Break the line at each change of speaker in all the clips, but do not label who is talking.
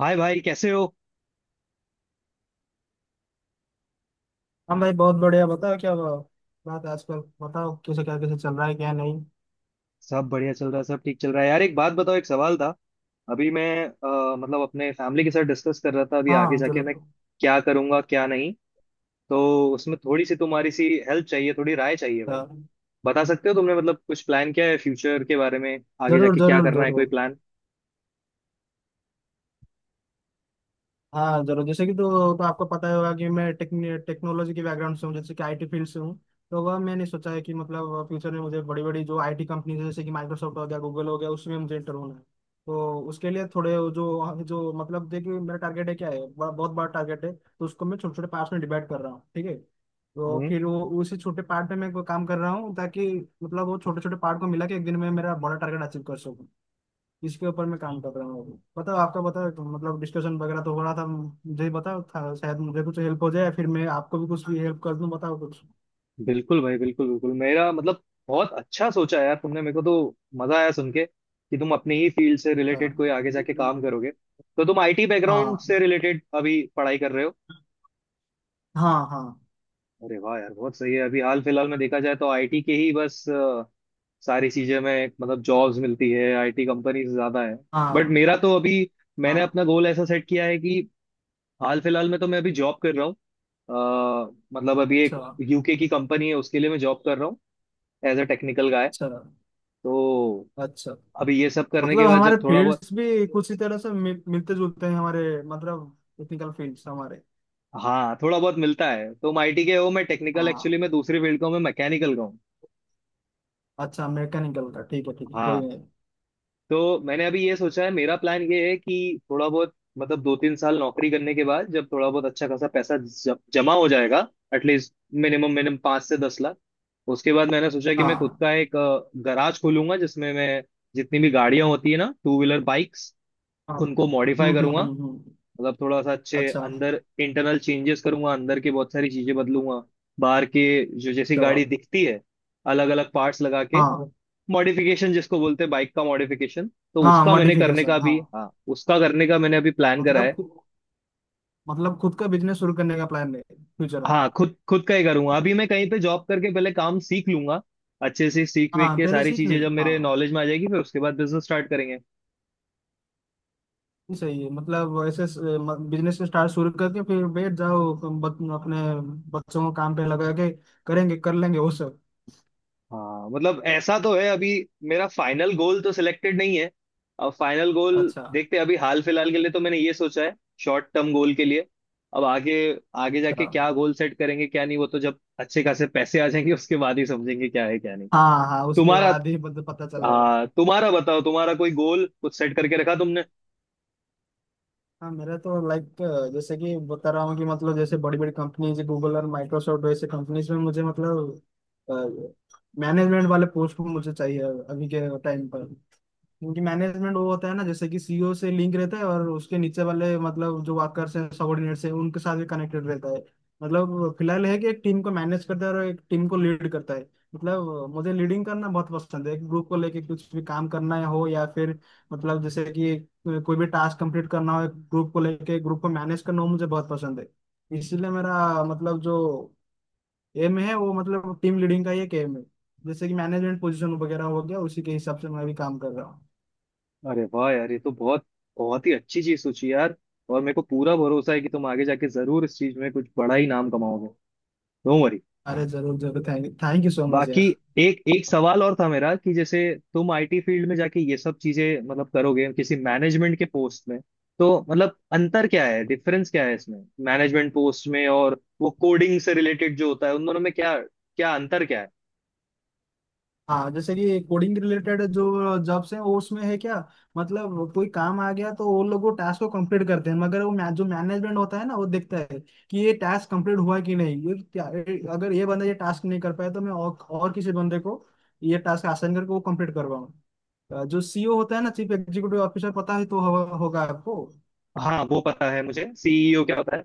हाय भाई, कैसे हो।
हम भाई बहुत बढ़िया बताओ क्या हुआ? बात है आजकल बताओ किसे क्या कैसे चल रहा है क्या नहीं।
सब बढ़िया चल रहा है, सब ठीक चल रहा है यार। एक बात बताओ, एक सवाल था। अभी मैं मतलब अपने फैमिली के साथ डिस्कस कर रहा था अभी आगे
हाँ
जाके
जरूर।
मैं क्या करूंगा क्या नहीं। तो उसमें थोड़ी सी तुम्हारी सी हेल्प चाहिए, थोड़ी राय चाहिए भाई।
हाँ,
बता सकते हो तुमने मतलब कुछ प्लान किया है फ्यूचर के बारे में? आगे
जरूर
जाके क्या
जरूर
करना है,
जरूर।
कोई प्लान?
हाँ जरूर। जैसे कि तो आपको पता ही होगा कि मैं टेक्नोलॉजी के बैकग्राउंड से हूँ, जैसे कि आईटी फील्ड से हूँ। तो वह मैंने सोचा है कि मतलब फ्यूचर में मुझे बड़ी बड़ी जो आईटी कंपनीज है, जैसे कि माइक्रोसॉफ्ट हो गया, गूगल हो गया, उसमें मुझे इंटर होना है। तो उसके लिए थोड़े जो जो मतलब देखिए मेरा टारगेट है, क्या है, बहुत बड़ा टारगेट है, तो उसको मैं छोटे छोटे पार्ट्स में डिवाइड कर रहा हूँ, ठीक है। तो
हम्म।
फिर वो उसी छोटे पार्ट में मैं काम कर रहा हूँ ताकि मतलब वो छोटे छोटे पार्ट को मिला के एक दिन में मेरा बड़ा टारगेट अचीव कर सकूँ। इसके ऊपर मैं काम कर रहा हूँ अभी। बताओ आपका, बताओ तो मतलब डिस्कशन वगैरह तो हो रहा था मुझे ही बताओ था, शायद मुझे कुछ हेल्प हो जाए, फिर मैं आपको भी कुछ भी हेल्प कर दूँ। बताओ कुछ।
बिल्कुल भाई, बिल्कुल बिल्कुल। मेरा मतलब बहुत अच्छा सोचा है यार तुमने, मेरे को तो मजा आया सुन के कि तुम अपनी ही फील्ड से
अच्छा।
रिलेटेड कोई आगे जाके काम करोगे। तो तुम आईटी बैकग्राउंड
हाँ
से रिलेटेड अभी पढ़ाई कर रहे हो?
हाँ हाँ।
अरे वाह यार, बहुत सही है। अभी हाल फिलहाल में देखा जाए तो आईटी के ही बस सारी चीजें में मतलब जॉब्स मिलती है, आईटी कंपनीज ज्यादा है। बट
हाँ
मेरा तो अभी, मैंने
हाँ।
अपना गोल ऐसा सेट किया है कि हाल फिलहाल में तो मैं अभी जॉब कर रहा हूँ। मतलब अभी एक
अच्छा।
यूके की कंपनी है, उसके लिए मैं जॉब कर रहा हूँ, एज अ टेक्निकल गाय।
अच्छा।
तो
अच्छा।
अभी ये सब करने
मतलब
के बाद
हमारे
जब थोड़ा बहुत।
फील्ड्स भी कुछ ही तरह से मिलते जुलते हैं, हमारे मतलब टेक्निकल फील्ड्स हमारे।
हाँ, थोड़ा बहुत मिलता है। तुम आईटी के हो, मैं टेक्निकल,
हाँ।
एक्चुअली मैं दूसरी फील्ड का हूँ, मैं मैकेनिकल का हूँ।
अच्छा, मैकेनिकल का, ठीक है ठीक है, कोई
हाँ।
नहीं।
तो मैंने अभी ये सोचा है, मेरा प्लान ये है कि थोड़ा बहुत मतलब 2 3 साल नौकरी करने के बाद जब थोड़ा बहुत अच्छा खासा पैसा जमा हो जाएगा। एटलीस्ट मिनिमम मिनिमम 5 से 10 लाख। उसके बाद मैंने सोचा कि मैं खुद
हाँ
का एक गराज खोलूंगा, जिसमें मैं जितनी भी गाड़ियां होती है ना, टू व्हीलर बाइक्स,
हाँ।
उनको मॉडिफाई करूंगा।
हम्म।
मतलब थोड़ा सा अच्छे
अच्छा।
अंदर इंटरनल चेंजेस करूंगा, अंदर के बहुत सारी चीजें बदलूंगा, बाहर के, जो जैसी
चलो।
गाड़ी दिखती है, अलग अलग पार्ट्स लगा के
हाँ।
मॉडिफिकेशन जिसको बोलते हैं, बाइक का मॉडिफिकेशन। तो
हाँ
उसका मैंने करने
मॉडिफिकेशन,
का
हाँ।
भी, हाँ, उसका करने का मैंने अभी प्लान करा
मतलब
है।
खुद का बिजनेस शुरू करने का प्लान है फ्यूचर में।
हाँ, खुद खुद का ही करूंगा। अभी मैं कहीं पे जॉब करके पहले काम सीख लूंगा, अच्छे से सीख वेख
हाँ
के।
पहले
सारी
सीख ले,
चीजें जब मेरे
हाँ।
नॉलेज में आ जाएगी फिर उसके बाद बिजनेस स्टार्ट करेंगे।
ये सही है, मतलब ऐसे बिजनेस स्टार्ट शुरू करके फिर बैठ जाओ तुम, अपने बच्चों को काम पे लगा के, करेंगे कर लेंगे वो सब।
हाँ मतलब ऐसा तो है। अभी मेरा फाइनल गोल तो सिलेक्टेड नहीं है। अब फाइनल गोल
अच्छा।
देखते हैं, अभी हाल फिलहाल के लिए तो मैंने ये सोचा है, शॉर्ट टर्म गोल के लिए। अब आगे, आगे
अच्छा।
जाके क्या गोल सेट करेंगे क्या नहीं, वो तो जब अच्छे खासे पैसे आ जाएंगे उसके बाद ही समझेंगे क्या है क्या नहीं।
हाँ हाँ, उसके
तुम्हारा,
बाद ही पता चलेगा।
हाँ, तुम्हारा बताओ, तुम्हारा कोई गोल कुछ सेट करके रखा तुमने?
हाँ मेरा तो लाइक जैसे कि बता रहा हूँ कि मतलब जैसे बड़ी बड़ी कंपनीज गूगल और माइक्रोसॉफ्ट, वैसे कंपनीज में मुझे मतलब मैनेजमेंट वाले पोस्ट मुझे चाहिए अभी के टाइम पर। क्योंकि मैनेजमेंट वो होता है ना, जैसे कि सीईओ से लिंक रहता है, और उसके नीचे वाले मतलब जो वर्कर्स हैं, सबॉर्डिनेट्स हैं, उनके साथ भी कनेक्टेड रहता है। मतलब फिलहाल है कि एक टीम को मैनेज करता है और एक टीम को लीड करता है। मतलब मुझे लीडिंग करना बहुत पसंद है, एक ग्रुप को लेके कुछ भी काम करना हो, या फिर मतलब जैसे कि कोई भी टास्क कंप्लीट करना हो, एक ग्रुप को लेके ग्रुप को मैनेज करना हो, मुझे बहुत पसंद है। इसलिए मेरा मतलब जो एम है वो मतलब टीम लीडिंग का ही एक एम है, जैसे कि मैनेजमेंट पोजीशन वगैरह हो गया, उसी के हिसाब से मैं भी काम कर रहा हूँ।
अरे वाह यार, ये तो बहुत, बहुत ही अच्छी चीज सोची यार। और मेरे को पूरा भरोसा है कि तुम आगे जाके जरूर इस चीज में कुछ बड़ा ही नाम कमाओगे, डोंट वरी।
अरे जरूर जरूर, thank thank you so much
बाकी
यार।
एक एक सवाल और था मेरा कि जैसे तुम आईटी फील्ड में जाके ये सब चीजें मतलब करोगे किसी मैनेजमेंट के पोस्ट में, तो मतलब अंतर क्या है, डिफरेंस क्या है इसमें? मैनेजमेंट पोस्ट में और वो कोडिंग से रिलेटेड जो होता है, उन दोनों में क्या क्या अंतर क्या है?
हाँ, जैसे ये कोडिंग रिलेटेड जो जॉब्स हैं वो, उसमें है क्या, मतलब कोई काम आ गया तो वो लोग वो टास्क को कंप्लीट करते हैं, मगर वो जो मैनेजमेंट होता है ना वो देखता है कि ये टास्क कंप्लीट हुआ कि नहीं, अगर ये बंदा ये टास्क नहीं कर पाया तो मैं और किसी बंदे को ये टास्क आसान करके वो कंप्लीट करवाऊँ। जो सीईओ होता है ना, चीफ एग्जीक्यूटिव ऑफिसर, पता होगा आपको।
हाँ, वो पता है मुझे सीईओ क्या होता है।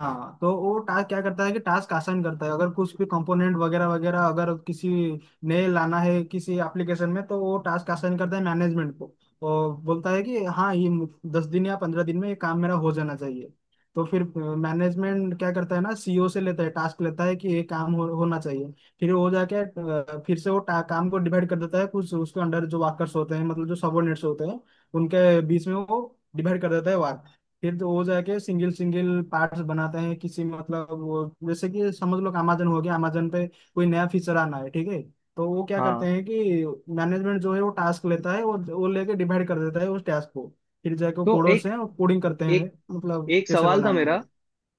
हाँ, तो वो टास्क क्या करता है कि टास्क आसान करता है, अगर कुछ भी कंपोनेंट वगैरह वगैरह अगर किसी नए लाना है किसी एप्लीकेशन में, तो वो टास्क आसान करता है मैनेजमेंट को, और बोलता है कि हाँ ये 10 दिन या 15 दिन में ये काम मेरा हो जाना चाहिए। तो फिर मैनेजमेंट क्या करता है ना, सीईओ से लेता है, टास्क लेता है कि ये काम होना चाहिए। फिर वो जाके फिर से वो काम को डिवाइड कर देता है, कुछ उसके अंडर जो वर्कर्स होते हैं, मतलब जो सबोर्डिनेट्स होते हैं, उनके बीच में वो डिवाइड कर देता है। फिर तो वो जाके सिंगल सिंगल पार्ट्स बनाते हैं किसी, मतलब वो जैसे कि समझ लो कि अमेजन हो गया, अमेजन पे कोई नया फीचर आना है, ठीक है। तो वो क्या करते
हाँ।
हैं कि मैनेजमेंट जो है वो टास्क लेता है, वो लेके डिवाइड कर देता है उस टास्क को। फिर जाके
तो
कोडर्स
एक
हैं वो कोडिंग करते
एक
हैं, मतलब
एक
कैसे
सवाल था
बनाना
मेरा,
है।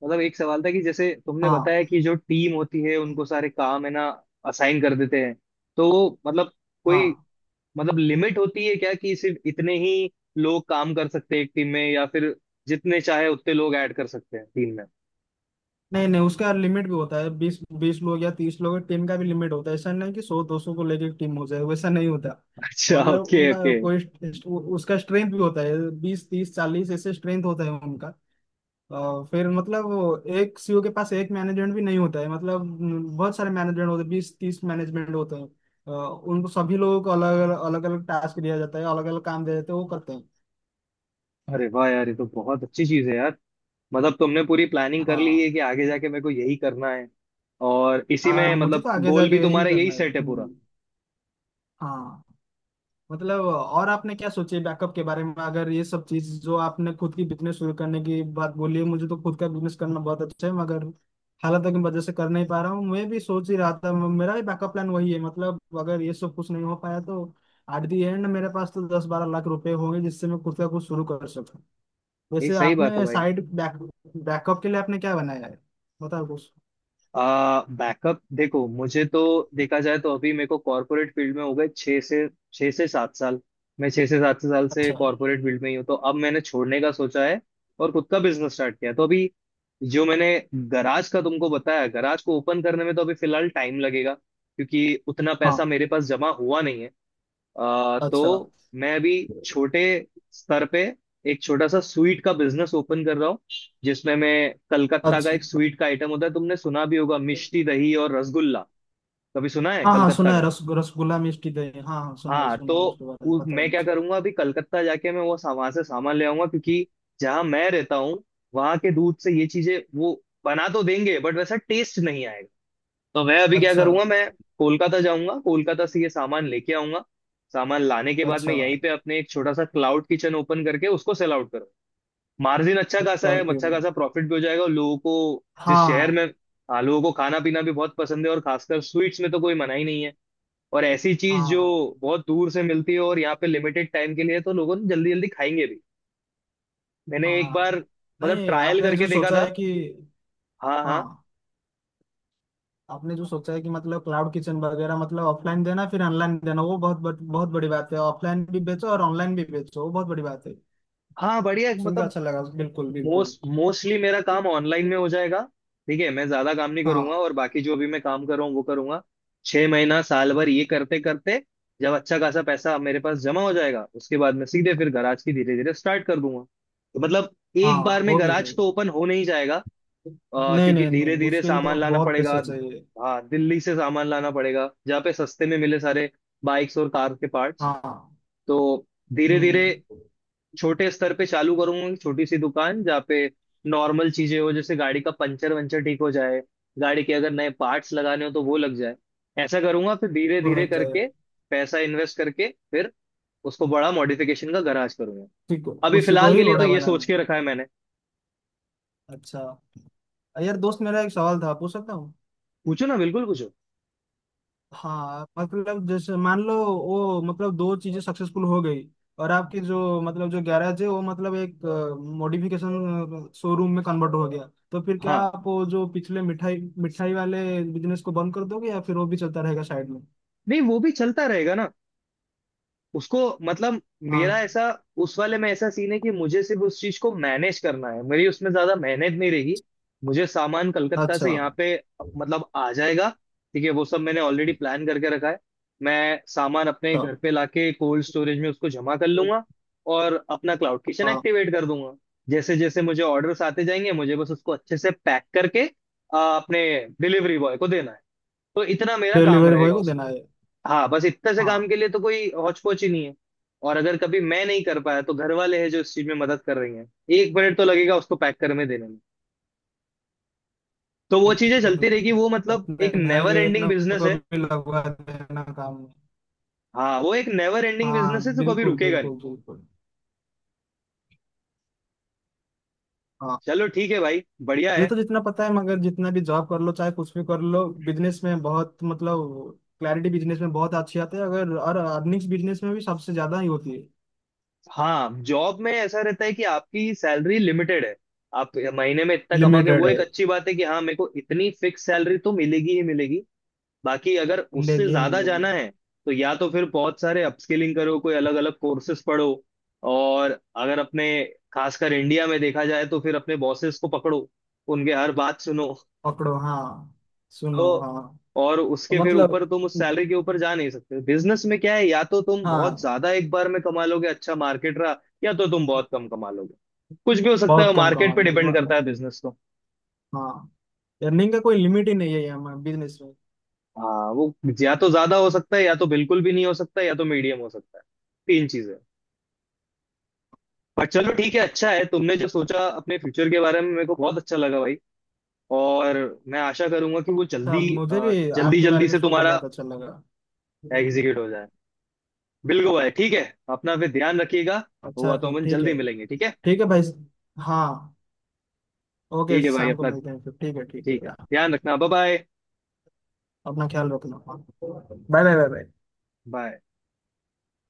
मतलब एक सवाल था कि जैसे तुमने
हाँ
बताया कि जो टीम होती है उनको सारे काम है ना असाइन कर देते हैं। तो वो मतलब कोई
हाँ।
मतलब लिमिट होती है क्या कि सिर्फ इतने ही लोग काम कर सकते हैं एक टीम में, या फिर जितने चाहे उतने लोग ऐड कर सकते हैं टीम में?
नहीं नहीं, उसका लिमिट भी होता है, 20 20 लोग या 30 लोग, टीम का भी लिमिट होता है, ऐसा नहीं कि 100 200 को लेके टीम हो जाए, वैसा नहीं होता।
अच्छा,
मतलब
ओके
उनका
ओके।
कोई उसका स्ट्रेंथ भी होता है, 20 30 40, ऐसे स्ट्रेंथ होता है उनका। फिर मतलब वो एक सीईओ के पास एक मैनेजमेंट भी नहीं होता है, मतलब न, बहुत सारे मैनेजमेंट होते हैं, 20 30 मैनेजमेंट होते हैं। उनको सभी लोगों को अलग अलग अलग अलग टास्क दिया जाता है, अलग अलग काम दिया जाता है, वो करते हैं।
अरे वाह यार, ये तो बहुत अच्छी चीज है यार। मतलब तुमने पूरी प्लानिंग कर ली है
हाँ।
कि आगे जाके मेरे को यही करना है, और इसी में
मुझे
मतलब
तो आगे
गोल
जाके
भी
यही
तुम्हारा यही
करना है।
सेट है पूरा।
हम्म। हाँ। मतलब, और आपने क्या सोचे बैकअप के बारे में? अगर ये सब चीज जो आपने खुद की बिजनेस शुरू करने की बात बोली है, मुझे तो खुद का बिजनेस करना बहुत अच्छा है, मगर हालात की वजह से कर नहीं पा रहा हूँ। मैं भी सोच ही रहा था, मेरा भी बैकअप प्लान वही है, मतलब अगर ये सब कुछ नहीं हो पाया तो एट दी एंड मेरे पास तो 10 12 लाख रुपए होंगे, जिससे मैं खुद का कुछ शुरू कर सकूँ।
ये
वैसे
सही बात है
आपने
भाई।
साइड बैकअप के लिए आपने क्या बनाया है? बताओ कुछ।
बैकअप देखो, मुझे तो देखा जाए तो अभी मेरे को कॉर्पोरेट फील्ड में हो गए 6 से 7 साल। मैं 6 से 7 साल से
अच्छा।
कॉर्पोरेट फील्ड में ही हूँ, तो अब मैंने छोड़ने का सोचा है और खुद का बिजनेस स्टार्ट किया है। तो अभी जो मैंने गराज का तुमको बताया, गराज को ओपन करने में तो अभी फिलहाल टाइम लगेगा, क्योंकि उतना
हाँ।
पैसा मेरे पास जमा हुआ नहीं है।
अच्छा।
तो मैं अभी छोटे स्तर पे एक छोटा सा स्वीट का बिजनेस ओपन कर रहा हूँ, जिसमें मैं कलकत्ता का
अच्छा।
एक स्वीट का आइटम होता है, तुमने सुना भी होगा, मिष्टी दही और रसगुल्ला। कभी सुना है
हाँ हाँ
कलकत्ता
सुना है,
का?
रस रसगुल्ला, मिष्टी दही, हाँ हाँ सुना है,
हाँ।
सुना
तो
है, उसके बारे में पता है
मैं क्या
मुझे।
करूंगा अभी कलकत्ता जाके, मैं वहां से सामान ले आऊंगा, क्योंकि जहां मैं रहता हूँ वहां के दूध से ये चीजें वो बना तो देंगे बट वैसा टेस्ट नहीं आएगा। तो मैं अभी क्या
अच्छा।
करूंगा, मैं कोलकाता जाऊंगा, कोलकाता से ये सामान लेके आऊंगा। सामान लाने के बाद मैं
अच्छा।
यहीं पे अपने एक छोटा सा क्लाउड किचन ओपन करके उसको सेल आउट करूंगा। मार्जिन अच्छा खासा
अच्छा
है,
फिर।
अच्छा खासा प्रॉफिट भी हो जाएगा, और लोगों को जिस शहर
हाँ
में, हाँ, लोगों को खाना पीना भी बहुत पसंद है, और खासकर स्वीट्स में तो कोई मना ही नहीं है। और ऐसी
हाँ।
चीज जो
हाँ
बहुत दूर से मिलती है और यहाँ पे लिमिटेड टाइम के लिए है, तो लोगों ने जल्दी जल्दी खाएंगे भी। मैंने एक बार
हाँ।
मतलब
नहीं
ट्रायल
आपने
करके
जो
देखा
सोचा
था।
है कि
हाँ हाँ।
हाँ आपने जो सोचा है कि मतलब क्लाउड किचन वगैरह, मतलब ऑफलाइन देना फिर ऑनलाइन देना, वो बहुत बहुत बहुत बड़ी बात है, ऑफलाइन भी बेचो और ऑनलाइन भी बेचो, वो बहुत बड़ी बात है,
हाँ, बढ़िया।
सुन के
मतलब
अच्छा लगा। बिल्कुल बिल्कुल।
मोस्टली मेरा काम ऑनलाइन में हो जाएगा। ठीक है, मैं ज्यादा काम नहीं करूंगा,
हाँ।
और बाकी जो भी मैं काम कर रहा हूँ वो करूंगा। 6 महीना साल भर ये करते करते जब अच्छा खासा पैसा मेरे पास जमा हो जाएगा, उसके बाद मैं सीधे फिर गराज की धीरे धीरे स्टार्ट कर दूंगा। तो मतलब एक बार
हाँ
में
वो भी है।
गराज तो ओपन हो नहीं जाएगा।
नहीं
क्योंकि
नहीं
धीरे
नहीं,
धीरे
उसके लिए तो
सामान लाना
बहुत
पड़ेगा,
पैसा चाहिए।
हाँ, दिल्ली से सामान लाना पड़ेगा जहाँ पे सस्ते में मिले सारे बाइक्स और कार के पार्ट्स।
हाँ।
तो धीरे धीरे
हम्म।
छोटे स्तर पे चालू करूंगा कि छोटी सी दुकान जहाँ पे नॉर्मल चीजें हो, जैसे गाड़ी का पंचर वंचर ठीक हो जाए, गाड़ी के अगर नए पार्ट्स लगाने हो तो वो लग जाए। ऐसा करूंगा फिर धीरे
वो
धीरे
लग
करके
जाएगा।
पैसा इन्वेस्ट करके फिर उसको बड़ा मॉडिफिकेशन का गराज करूंगा।
ठीक है,
अभी
उसी को
फिलहाल के
ही
लिए तो
बड़ा
ये
बनाना
सोच के
है।
रखा है मैंने।
अच्छा। यार दोस्त मेरा एक सवाल था, पूछ सकता हूँ?
पूछो ना, बिल्कुल पूछो।
हाँ, मतलब जैसे मान लो वो मतलब दो चीजें सक्सेसफुल हो गई, और आपकी जो मतलब जो गैराज है वो मतलब एक मॉडिफिकेशन शोरूम में कन्वर्ट हो गया, तो फिर क्या
हाँ।
आप वो जो पिछले मिठाई मिठाई वाले बिजनेस को बंद कर दोगे, या फिर वो भी चलता रहेगा साइड में?
नहीं, वो भी चलता रहेगा ना। उसको मतलब, मेरा
हाँ।
ऐसा, उस वाले में ऐसा सीन है कि मुझे सिर्फ उस चीज को मैनेज करना है, मेरी उसमें ज्यादा मेहनत नहीं रहेगी। मुझे सामान कलकत्ता
अच्छा अच्छा।
से यहाँ पे मतलब आ जाएगा। ठीक है, वो सब मैंने ऑलरेडी प्लान करके रखा है। मैं सामान अपने घर पे लाके कोल्ड स्टोरेज में उसको जमा कर लूंगा, और अपना क्लाउड किचन
हाँ,
एक्टिवेट कर दूंगा। जैसे जैसे मुझे ऑर्डर्स आते जाएंगे, मुझे बस उसको अच्छे से पैक करके अपने डिलीवरी बॉय को देना है। तो इतना मेरा काम
डिलीवरी बॉय
रहेगा।
को देना है।
हाँ, बस इतने से काम
हाँ
के लिए तो कोई हौच पोच ही नहीं है। और अगर कभी मैं नहीं कर पाया तो घर वाले हैं जो इस चीज में मदद कर रही हैं। एक मिनट तो लगेगा उसको पैक करने में, देने में। तो वो चीजें चलती
बिल्कुल,
रहेगी, वो मतलब
अपने
एक
भाई
नेवर एंडिंग
बहनों
बिजनेस
को
है।
भी लगवा देना काम में।
हाँ, वो एक नेवर एंडिंग बिजनेस है,
हाँ
तो कभी
बिल्कुल
रुकेगा नहीं।
बिल्कुल बिल्कुल। हाँ।
चलो ठीक है भाई, बढ़िया
मुझे
है।
तो जितना पता है, मगर जितना भी जॉब कर लो, चाहे कुछ भी कर लो, बिजनेस में बहुत मतलब क्लैरिटी बिजनेस में बहुत अच्छी आती है, अगर, और अर्निंग्स बिजनेस में भी सबसे ज्यादा ही होती है।
हाँ, जॉब में ऐसा रहता है कि आपकी सैलरी लिमिटेड है, आप महीने में इतना कमाओगे।
लिमिटेड
वो
है।
एक अच्छी बात है कि हाँ, मेरे को इतनी फिक्स सैलरी तो मिलेगी ही मिलेगी। बाकी अगर उससे
मिलेगी
ज्यादा
मिलेगी।
जाना है तो या तो फिर बहुत सारे अपस्किलिंग करो, कोई अलग अलग कोर्सेस पढ़ो, और अगर अपने, खासकर इंडिया में देखा जाए तो फिर अपने बॉसेस को पकड़ो, उनके हर बात सुनो।
पकड़ो, हाँ। सुनो,
तो
हाँ।
और
तो
उसके फिर
मतलब,
ऊपर तुम उस सैलरी के ऊपर जा नहीं सकते। बिजनेस में क्या है, या तो तुम बहुत
हाँ।
ज्यादा एक बार में कमा लोगे, अच्छा मार्केट रहा, या तो तुम बहुत कम कमा लोगे। कुछ भी हो सकता है,
बहुत कम कमा
मार्केट पे
लोगे
डिपेंड करता
म-
है बिजनेस तो।
हाँ। अर्निंग का कोई लिमिट ही नहीं है यहाँ बिजनेस में।
हाँ वो, या तो ज्यादा हो सकता है, या तो बिल्कुल भी नहीं हो सकता है, या तो मीडियम हो सकता है। तीन चीजें। पर चलो ठीक है, अच्छा है तुमने जो सोचा अपने फ्यूचर के बारे में, मेरे को बहुत अच्छा लगा भाई। और मैं आशा करूंगा कि वो
अच्छा,
जल्दी
मुझे भी
जल्दी
आपके बारे
जल्दी
में
से
सुनकर
तुम्हारा
बहुत अच्छा लगा।
एग्जीक्यूट हो जाए। बिल्कुल भाई, ठीक है, अपना फिर ध्यान रखिएगा।
अच्छा
हुआ तो
फिर,
अपन
ठीक
जल्दी
है।
मिलेंगे, ठीक है।
ठीक है भाई। हाँ। ओके,
ठीक है भाई,
शाम को
अपना
मिलते हैं फिर, ठीक है, ठीक है
ठीक है,
यार।
ध्यान रखना, बाय
अपना ख्याल रखना, bye bye bye bye.
Bye.